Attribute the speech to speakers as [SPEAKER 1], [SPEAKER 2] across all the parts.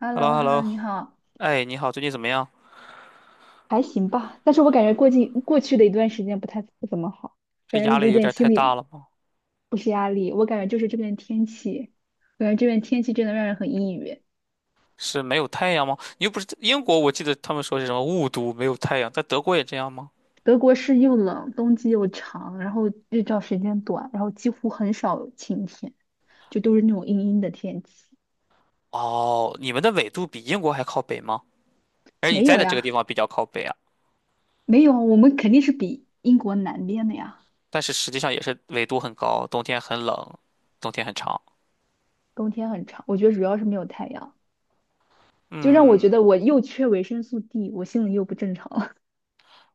[SPEAKER 1] h e l
[SPEAKER 2] h e
[SPEAKER 1] l
[SPEAKER 2] l l
[SPEAKER 1] o
[SPEAKER 2] o h e
[SPEAKER 1] h
[SPEAKER 2] l
[SPEAKER 1] e
[SPEAKER 2] l
[SPEAKER 1] l l o
[SPEAKER 2] o
[SPEAKER 1] 你好。
[SPEAKER 2] 哎，你好，最近怎么样？
[SPEAKER 1] 还行吧，但是我感觉过去的一段时间不怎么好，
[SPEAKER 2] 这
[SPEAKER 1] 感觉
[SPEAKER 2] 压
[SPEAKER 1] 有
[SPEAKER 2] 力有
[SPEAKER 1] 点
[SPEAKER 2] 点太
[SPEAKER 1] 心
[SPEAKER 2] 大
[SPEAKER 1] 理
[SPEAKER 2] 了吗？
[SPEAKER 1] 不是压力，我感觉就是这边天气，感觉这边天气真的让人很抑郁。
[SPEAKER 2] 是没有太阳吗？你又不是英国，我记得他们说是什么雾都没有太阳，在德国也这样吗？
[SPEAKER 1] 德国是又冷，冬季又长，然后日照时间短，然后几乎很少有晴天，就都是那种阴阴的天气。
[SPEAKER 2] 哦，你们的纬度比英国还靠北吗？而你
[SPEAKER 1] 没
[SPEAKER 2] 在
[SPEAKER 1] 有
[SPEAKER 2] 的这个
[SPEAKER 1] 呀，
[SPEAKER 2] 地方比较靠北啊，
[SPEAKER 1] 没有，我们肯定是比英国南边的呀，
[SPEAKER 2] 但是实际上也是纬度很高，冬天很冷，冬天很长。
[SPEAKER 1] 冬天很长。我觉得主要是没有太阳，就让我觉得
[SPEAKER 2] 嗯，
[SPEAKER 1] 我又缺维生素 D，我心里又不正常了。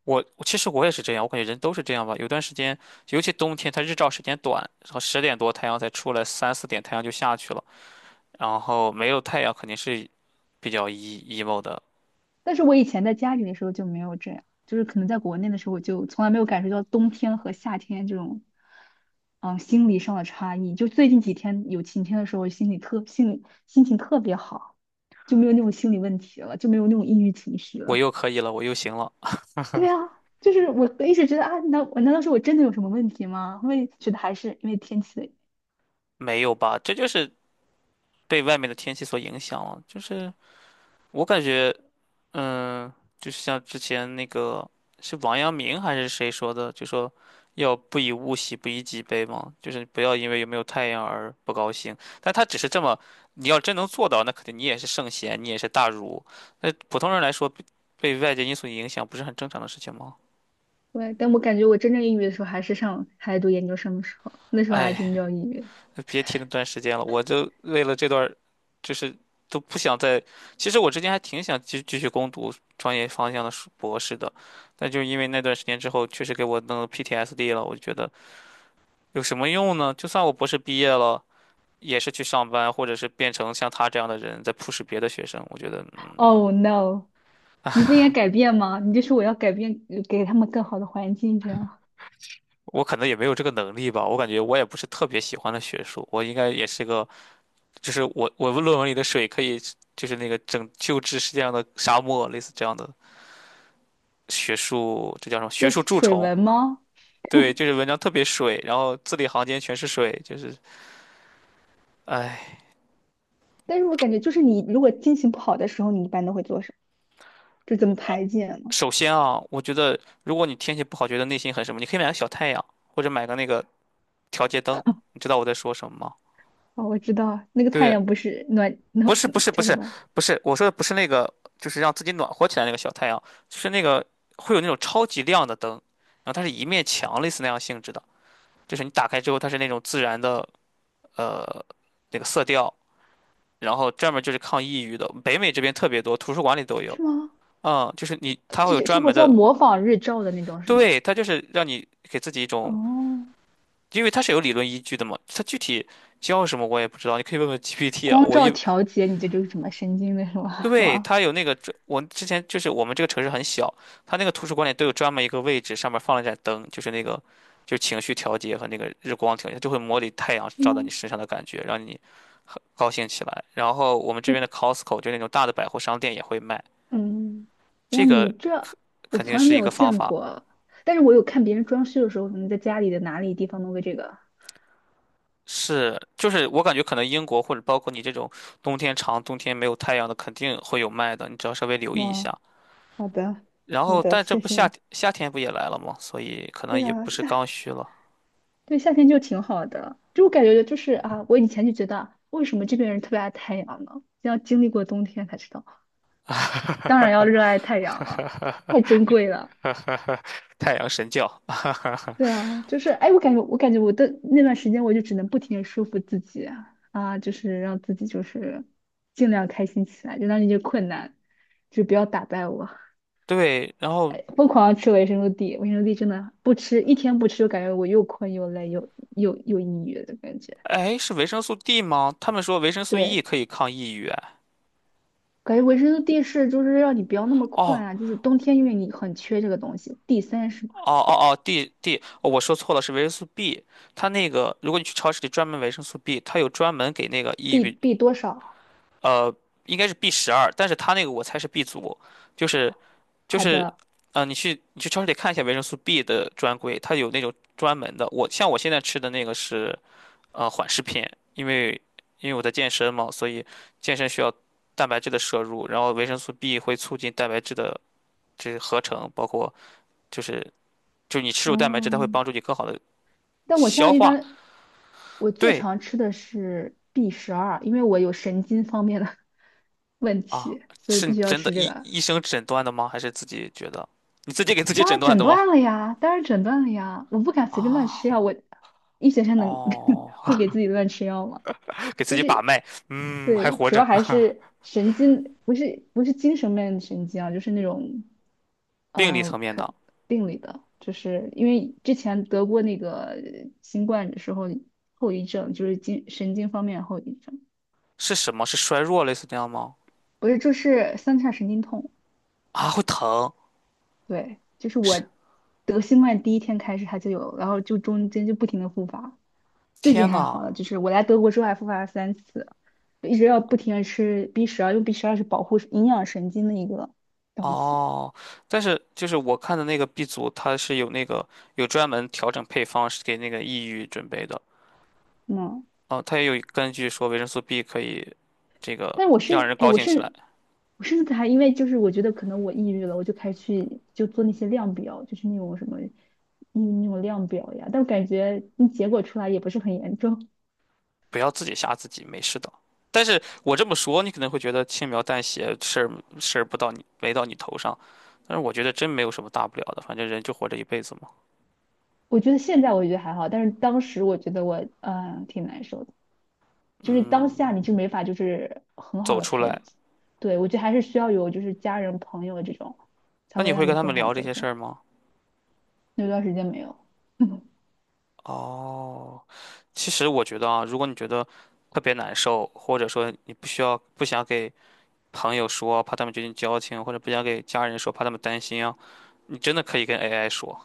[SPEAKER 2] 我其实我也是这样，我感觉人都是这样吧。有段时间，尤其冬天，它日照时间短，然后10点多太阳才出来，3、4点太阳就下去了。然后没有太阳肯定是比较 e emo 的。
[SPEAKER 1] 但是我以前在家里的时候就没有这样，就是可能在国内的时候，我就从来没有感受到冬天和夏天这种，心理上的差异。就最近几天有晴天的时候，心里心情特别好，就没有那种心理问题了，就没有那种抑郁情绪
[SPEAKER 2] 我
[SPEAKER 1] 了。
[SPEAKER 2] 又可以了，我又行了，
[SPEAKER 1] 对啊，就是我一直觉得啊，难道是我真的有什么问题吗？后面觉得还是因为天气的原因。
[SPEAKER 2] 没有吧？这就是被外面的天气所影响了。就是我感觉，嗯，就是像之前那个是王阳明还是谁说的，就说要不以物喜，不以己悲嘛，就是不要因为有没有太阳而不高兴。但他只是这么，你要真能做到，那肯定你也是圣贤，你也是大儒。那普通人来说，被外界因素影响不是很正常的事情吗？
[SPEAKER 1] 对，但我感觉我真正抑郁的时候还是上还在读研究生的时候，那时候还真
[SPEAKER 2] 哎。
[SPEAKER 1] 叫抑郁。
[SPEAKER 2] 别提那段时间了，我就为了这段儿就是都不想再。其实我之前还挺想继续攻读专业方向的硕博士的，但就是因为那段时间之后，确实给我弄 PTSD 了。我就觉得有什么用呢？就算我博士毕业了，也是去上班，或者是变成像他这样的人，在 push 别的学生。我觉得，
[SPEAKER 1] Oh no！你不应该改变吗？你就说我要改变，给他们更好的环境，这样。
[SPEAKER 2] 我可能也没有这个能力吧。我感觉我也不是特别喜欢的学术，我应该也是个，就是我论文里的水可以，就是那个拯救治世界上的沙漠，类似这样的。学术，这叫什么？学
[SPEAKER 1] 这
[SPEAKER 2] 术
[SPEAKER 1] 是
[SPEAKER 2] 蛀
[SPEAKER 1] 水
[SPEAKER 2] 虫。
[SPEAKER 1] 文吗？
[SPEAKER 2] 对，就是文章特别水，然后字里行间全是水，就是，唉。
[SPEAKER 1] 但是我感觉就是你如果心情不好的时候，你一般都会做什么？就怎么排解呢？
[SPEAKER 2] 首先啊，我觉得如果你天气不好，觉得内心很什么，你可以买个小太阳，或者买个那个调节灯。你知道我在说什么吗？
[SPEAKER 1] 哦，我知道，那个太
[SPEAKER 2] 对，
[SPEAKER 1] 阳不是暖
[SPEAKER 2] 不
[SPEAKER 1] 暖
[SPEAKER 2] 是不是不
[SPEAKER 1] 叫什
[SPEAKER 2] 是
[SPEAKER 1] 么？
[SPEAKER 2] 不是，我说的不是那个，就是让自己暖和起来那个小太阳，就是那个会有那种超级亮的灯，然后它是一面墙类似那样性质的，就是你打开之后，它是那种自然的呃那个色调，然后专门就是抗抑郁的，北美这边特别多，图书馆里都有。
[SPEAKER 1] 是吗？
[SPEAKER 2] 嗯，就是你，它会
[SPEAKER 1] 这
[SPEAKER 2] 有
[SPEAKER 1] 就
[SPEAKER 2] 专
[SPEAKER 1] 不
[SPEAKER 2] 门
[SPEAKER 1] 叫
[SPEAKER 2] 的，
[SPEAKER 1] 模仿日照的那种是吗？
[SPEAKER 2] 对，它就是让你给自己一种，
[SPEAKER 1] 哦，
[SPEAKER 2] 因为它是有理论依据的嘛，它具体教什么我也不知道，你可以问问 GPT 啊。
[SPEAKER 1] 光
[SPEAKER 2] 我一，
[SPEAKER 1] 照调节你这就是什么神经的是吗？是
[SPEAKER 2] 对，
[SPEAKER 1] 吗？
[SPEAKER 2] 它有那个专我之前就是我们这个城市很小，它那个图书馆里都有专门一个位置，上面放了一盏灯，就是那个就是情绪调节和那个日光调节，它就会模拟太阳
[SPEAKER 1] 是
[SPEAKER 2] 照在你
[SPEAKER 1] 吗？
[SPEAKER 2] 身上的感觉，让你高兴起来。然后我们这
[SPEAKER 1] 是。
[SPEAKER 2] 边的 Costco 就那种大的百货商店也会卖。
[SPEAKER 1] 嗯，
[SPEAKER 2] 这
[SPEAKER 1] 哇，你
[SPEAKER 2] 个
[SPEAKER 1] 这我
[SPEAKER 2] 肯定
[SPEAKER 1] 从来没
[SPEAKER 2] 是一
[SPEAKER 1] 有
[SPEAKER 2] 个方
[SPEAKER 1] 见
[SPEAKER 2] 法。
[SPEAKER 1] 过，但是我有看别人装修的时候，可能在家里的哪里地方弄个这个。
[SPEAKER 2] 是，就是我感觉可能英国或者包括你这种冬天长、冬天没有太阳的，肯定会有卖的，你只要稍微留意一
[SPEAKER 1] 哇，
[SPEAKER 2] 下。
[SPEAKER 1] 好的，
[SPEAKER 2] 然
[SPEAKER 1] 好
[SPEAKER 2] 后，
[SPEAKER 1] 的，
[SPEAKER 2] 但这
[SPEAKER 1] 谢
[SPEAKER 2] 不
[SPEAKER 1] 谢
[SPEAKER 2] 夏
[SPEAKER 1] 你。
[SPEAKER 2] 天夏天不也来了吗？所以可能
[SPEAKER 1] 对
[SPEAKER 2] 也
[SPEAKER 1] 啊，
[SPEAKER 2] 不是刚
[SPEAKER 1] 夏，
[SPEAKER 2] 需了。
[SPEAKER 1] 对，夏天就挺好的，就我感觉就是啊，我以前就觉得为什么这边人特别爱太阳呢？要经历过冬天才知道，当然要热爱太阳了，太 珍贵了。
[SPEAKER 2] 太阳神教，
[SPEAKER 1] 对啊，就是哎，我感觉我的那段时间，我就只能不停的说服自己啊，就是让自己就是尽量开心起来，就让那些困难就不要打败我。
[SPEAKER 2] 对，然后
[SPEAKER 1] 哎，疯狂地吃维生素 D，维生素 D 真的不吃一天不吃，就感觉我又困又累又抑郁的感觉。
[SPEAKER 2] 哎，是维生素 D 吗？他们说维生素 E
[SPEAKER 1] 对，
[SPEAKER 2] 可以抗抑郁，哎
[SPEAKER 1] 感觉维生素 D 是就是让你不要那么困
[SPEAKER 2] 哦，
[SPEAKER 1] 啊，就是冬天因为你很缺这个东西，D 三是吧
[SPEAKER 2] 哦哦哦，D，哦，我说错了，是维生素 B。它那个，如果你去超市里专门维生素 B，它有专门给那个抑
[SPEAKER 1] ？B
[SPEAKER 2] 郁，
[SPEAKER 1] 多少？
[SPEAKER 2] 呃，应该是 B12，但是它那个我猜是 B 族，就是就
[SPEAKER 1] 好
[SPEAKER 2] 是，
[SPEAKER 1] 的，
[SPEAKER 2] 你去超市里看一下维生素 B 的专柜，它有那种专门的。我像我现在吃的那个是缓释片，因为因为我在健身嘛，所以健身需要蛋白质的摄入，然后维生素 B 会促进蛋白质的这合成，包括就是。就是你吃入蛋白质，它会
[SPEAKER 1] 嗯。
[SPEAKER 2] 帮助你更好的
[SPEAKER 1] 但我现
[SPEAKER 2] 消
[SPEAKER 1] 在一
[SPEAKER 2] 化，
[SPEAKER 1] 般我最
[SPEAKER 2] 对
[SPEAKER 1] 常吃的是 B 十二，因为我有神经方面的 问
[SPEAKER 2] 啊，
[SPEAKER 1] 题，所以我
[SPEAKER 2] 是你
[SPEAKER 1] 必须要
[SPEAKER 2] 真的
[SPEAKER 1] 吃这
[SPEAKER 2] 医
[SPEAKER 1] 个。
[SPEAKER 2] 医生诊断的吗？还是自己觉得？你自己给自己
[SPEAKER 1] 当
[SPEAKER 2] 诊
[SPEAKER 1] 然
[SPEAKER 2] 断
[SPEAKER 1] 诊
[SPEAKER 2] 的吗？
[SPEAKER 1] 断了呀，当然诊断了呀，我不敢随便乱吃
[SPEAKER 2] 啊，
[SPEAKER 1] 药，我医学生能
[SPEAKER 2] 哦，
[SPEAKER 1] 会给自己乱吃药吗？
[SPEAKER 2] 给自
[SPEAKER 1] 就
[SPEAKER 2] 己把
[SPEAKER 1] 是
[SPEAKER 2] 脉，嗯，还
[SPEAKER 1] 对，
[SPEAKER 2] 活
[SPEAKER 1] 主
[SPEAKER 2] 着。
[SPEAKER 1] 要还 是神经，不是精神面的神经啊，就是那种
[SPEAKER 2] 病理
[SPEAKER 1] 呃，
[SPEAKER 2] 层面
[SPEAKER 1] 可
[SPEAKER 2] 的
[SPEAKER 1] 病理的，就是因为之前得过那个新冠的时候后遗症，就是精神经方面的后遗症，
[SPEAKER 2] 是什么？是衰弱类似这样吗？
[SPEAKER 1] 不是就是三叉神经痛。
[SPEAKER 2] 啊，会疼，
[SPEAKER 1] 对，就是
[SPEAKER 2] 是，
[SPEAKER 1] 我得新冠第一天开始它就有，然后就中间就不停的复发，最近
[SPEAKER 2] 天
[SPEAKER 1] 还好
[SPEAKER 2] 呐，
[SPEAKER 1] 了，就是我来德国之后还复发了三次，就一直要不停的吃 B 十二，因为 B 十二是保护营养神经的一个东西，
[SPEAKER 2] 哦，但是就是我看的那个 B 组，它是有那个有专门调整配方是给那个抑郁准备的，
[SPEAKER 1] 嗯，
[SPEAKER 2] 哦，它也有根据说维生素 B 可以这个
[SPEAKER 1] 但我
[SPEAKER 2] 让
[SPEAKER 1] 是，
[SPEAKER 2] 人
[SPEAKER 1] 哎，
[SPEAKER 2] 高
[SPEAKER 1] 我
[SPEAKER 2] 兴起来。
[SPEAKER 1] 是，我甚至还因为就是我觉得可能我抑郁了，我就开始去就做那些量表，就是那种什么，嗯，那种量表呀，但我感觉那结果出来也不是很严重。
[SPEAKER 2] 不要自己吓自己，没事的。但是我这么说，你可能会觉得轻描淡写，事儿不到你没到你头上，但是我觉得真没有什么大不了的，反正人就活这一辈子嘛。
[SPEAKER 1] 我觉得现在我觉得还好，但是当时我觉得我挺难受的，就是当下
[SPEAKER 2] 嗯，
[SPEAKER 1] 你就没法就是很好
[SPEAKER 2] 走
[SPEAKER 1] 的
[SPEAKER 2] 出
[SPEAKER 1] 陪
[SPEAKER 2] 来，
[SPEAKER 1] 自己。对，我觉得还是需要有就是家人朋友这种，才
[SPEAKER 2] 那
[SPEAKER 1] 会
[SPEAKER 2] 你会
[SPEAKER 1] 让你
[SPEAKER 2] 跟他
[SPEAKER 1] 更
[SPEAKER 2] 们
[SPEAKER 1] 好
[SPEAKER 2] 聊这
[SPEAKER 1] 走
[SPEAKER 2] 些
[SPEAKER 1] 出来。
[SPEAKER 2] 事儿吗？
[SPEAKER 1] 那段时间没有，
[SPEAKER 2] 哦，其实我觉得啊，如果你觉得特别难受，或者说你不需要不想给朋友说，怕他们觉得交情，或者不想给家人说，怕他们担心啊，你真的可以跟 AI 说。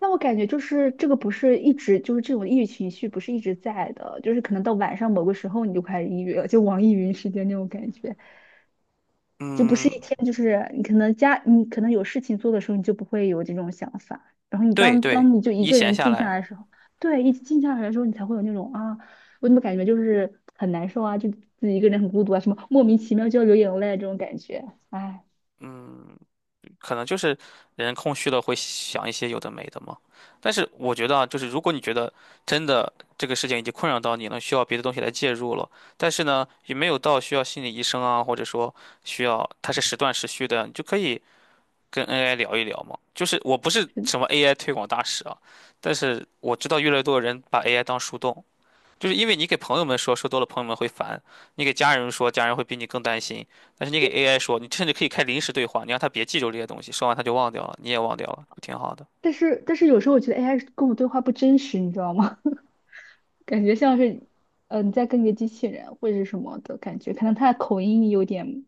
[SPEAKER 1] 那我感觉就是这个不是一直就是这种抑郁情绪不是一直在的，就是可能到晚上某个时候你就开始抑郁了，就网易云时间那种感觉。就不是
[SPEAKER 2] 嗯，
[SPEAKER 1] 一天，就是你可能家，你可能有事情做的时候，你就不会有这种想法。然后你
[SPEAKER 2] 对
[SPEAKER 1] 当
[SPEAKER 2] 对，
[SPEAKER 1] 当你就一
[SPEAKER 2] 一
[SPEAKER 1] 个
[SPEAKER 2] 闲
[SPEAKER 1] 人
[SPEAKER 2] 下
[SPEAKER 1] 静下
[SPEAKER 2] 来，
[SPEAKER 1] 来的时候，对，一静下来的时候，你才会有那种啊，我怎么感觉就是很难受啊，就自己一个人很孤独啊，什么莫名其妙就要流眼泪啊这种感觉，哎，
[SPEAKER 2] 嗯。可能就是人空虚了会想一些有的没的嘛。但是我觉得啊，就是如果你觉得真的这个事情已经困扰到你了，需要别的东西来介入了，但是呢，也没有到需要心理医生啊，或者说需要它是时断时续的，你就可以跟 AI 聊一聊嘛。就是我不是
[SPEAKER 1] 是的。
[SPEAKER 2] 什么 AI 推广大使啊，但是我知道越来越多的人把 AI 当树洞。就是因为你给朋友们说，说多了朋友们会烦；你给家人说，家人会比你更担心。但是你给 AI 说，你甚至可以开临时对话，你让他别记住这些东西，说完他就忘掉了，你也忘掉了，不挺好的？
[SPEAKER 1] 但是有时候我觉得 AI 跟我对话不真实，你知道吗？感觉像是，嗯，你在跟一个机器人或者是什么的感觉，可能他的口音有点，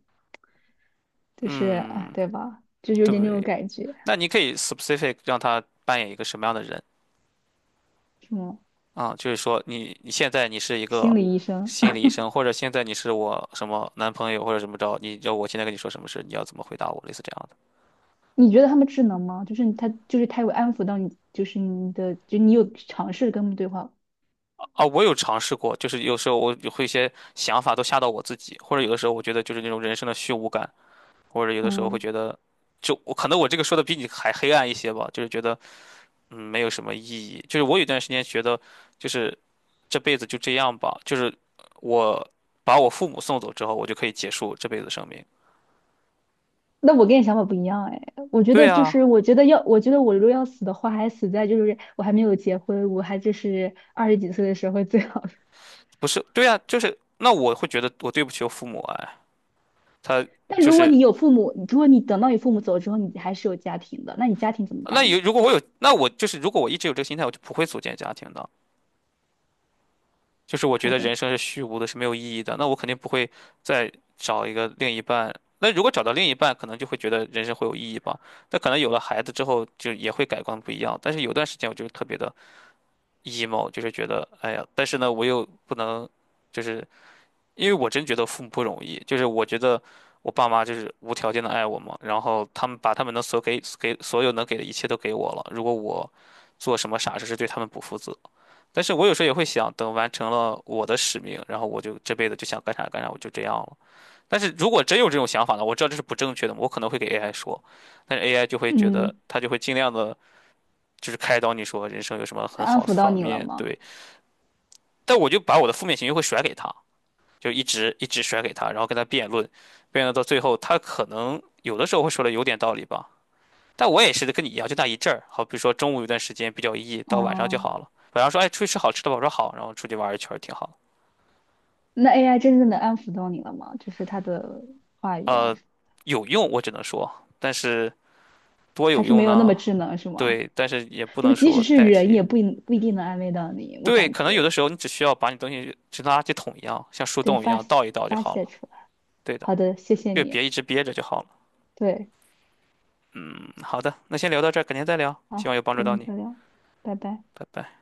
[SPEAKER 1] 就是啊，
[SPEAKER 2] 嗯，
[SPEAKER 1] 对吧？就是有点那种
[SPEAKER 2] 对。
[SPEAKER 1] 感觉，
[SPEAKER 2] 那你可以 specific 让他扮演一个什么样的人
[SPEAKER 1] 什么
[SPEAKER 2] 啊？就是说你现在你是一
[SPEAKER 1] 心
[SPEAKER 2] 个
[SPEAKER 1] 理医生。
[SPEAKER 2] 心理医生，或者现在你是我什么男朋友或者怎么着，你要我现在跟你说什么事，你要怎么回答我，类似这样的。
[SPEAKER 1] 你觉得他们智能吗？就是他，就是他有安抚到你，就是你的，就你有尝试跟他们对话。
[SPEAKER 2] 啊，我有尝试过，就是有时候我有会一些想法都吓到我自己，或者有的时候我觉得就是那种人生的虚无感。或者有的时候会
[SPEAKER 1] 嗯，
[SPEAKER 2] 觉得，就我可能我这个说的比你还黑暗一些吧，就是觉得没有什么意义。就是我有段时间觉得，就是这辈子就这样吧，就是我把我父母送走之后，我就可以结束这辈子生命。
[SPEAKER 1] 那我跟你想法不一样哎，我觉
[SPEAKER 2] 对
[SPEAKER 1] 得就
[SPEAKER 2] 啊，
[SPEAKER 1] 是，我觉得要，我觉得我如果要死的话，还死在就是我还没有结婚，我还就是二十几岁的时候会最好。
[SPEAKER 2] 不是，对啊，就是那我会觉得我对不起我父母哎，他
[SPEAKER 1] 但
[SPEAKER 2] 就
[SPEAKER 1] 如果
[SPEAKER 2] 是
[SPEAKER 1] 你有父母，如果你等到你父母走之后，你还是有家庭的，那你家庭怎么
[SPEAKER 2] 那
[SPEAKER 1] 办呢？
[SPEAKER 2] 有如果我有那我就是如果我一直有这个心态，我就不会组建家庭的。就是我觉
[SPEAKER 1] 好
[SPEAKER 2] 得人
[SPEAKER 1] 的，
[SPEAKER 2] 生是虚无的，是没有意义的，那我肯定不会再找一个另一半。那如果找到另一半，可能就会觉得人生会有意义吧。那可能有了孩子之后，就也会改观不一样。但是有段时间我就是特别的 emo，就是觉得哎呀，但是呢，我又不能，就是因为我真觉得父母不容易，就是我觉得我爸妈就是无条件的爱我嘛，然后他们把他们能所给给所有能给的一切都给我了，如果我做什么傻事是对他们不负责但是我有时候也会想，等完成了我的使命，然后我就这辈子就想干啥干啥，我就这样了。但是如果真有这种想法呢，我知道这是不正确的，我可能会给 AI 说，但是 AI 就会觉得，
[SPEAKER 1] 嗯，
[SPEAKER 2] 他就会尽量的，就是开导你说人生有什么
[SPEAKER 1] 他
[SPEAKER 2] 很
[SPEAKER 1] 安
[SPEAKER 2] 好的
[SPEAKER 1] 抚到
[SPEAKER 2] 方
[SPEAKER 1] 你了
[SPEAKER 2] 面，
[SPEAKER 1] 吗？
[SPEAKER 2] 对。但我就把我的负面情绪会甩给他，就一直一直甩给他，然后跟他辩论，辩论到最后，他可能有的时候会说的有点道理吧，但我也是跟你一样，就那一阵儿，好比如说中午有段时间比较 E，到晚上就
[SPEAKER 1] 哦，
[SPEAKER 2] 好了。晚上说，哎，出去吃好吃的吧，我说好，然后出去玩一圈儿挺好。
[SPEAKER 1] 那 AI 真正的安抚到你了吗？就是他的话语啊，
[SPEAKER 2] 呃，有用，我只能说，但是多
[SPEAKER 1] 还
[SPEAKER 2] 有
[SPEAKER 1] 是没
[SPEAKER 2] 用
[SPEAKER 1] 有那么
[SPEAKER 2] 呢？
[SPEAKER 1] 智能是吗？
[SPEAKER 2] 对，但是也不
[SPEAKER 1] 就
[SPEAKER 2] 能
[SPEAKER 1] 即使
[SPEAKER 2] 说
[SPEAKER 1] 是
[SPEAKER 2] 代
[SPEAKER 1] 人
[SPEAKER 2] 替。
[SPEAKER 1] 也不一定能安慰到你，我
[SPEAKER 2] 对，
[SPEAKER 1] 感
[SPEAKER 2] 可能有
[SPEAKER 1] 觉，
[SPEAKER 2] 的时候你只需要把你东西就跟垃圾桶一样，像树
[SPEAKER 1] 对，
[SPEAKER 2] 洞一样倒一倒就
[SPEAKER 1] 发
[SPEAKER 2] 好
[SPEAKER 1] 泄
[SPEAKER 2] 了。
[SPEAKER 1] 出来。
[SPEAKER 2] 对的，
[SPEAKER 1] 好的，谢谢
[SPEAKER 2] 就
[SPEAKER 1] 你。
[SPEAKER 2] 别一直憋着就好了。
[SPEAKER 1] 对，
[SPEAKER 2] 嗯，好的，那先聊到这儿，改天再聊，希望
[SPEAKER 1] 好，
[SPEAKER 2] 有帮助
[SPEAKER 1] 再
[SPEAKER 2] 到
[SPEAKER 1] 见，
[SPEAKER 2] 你，
[SPEAKER 1] 再聊，拜拜。
[SPEAKER 2] 拜拜。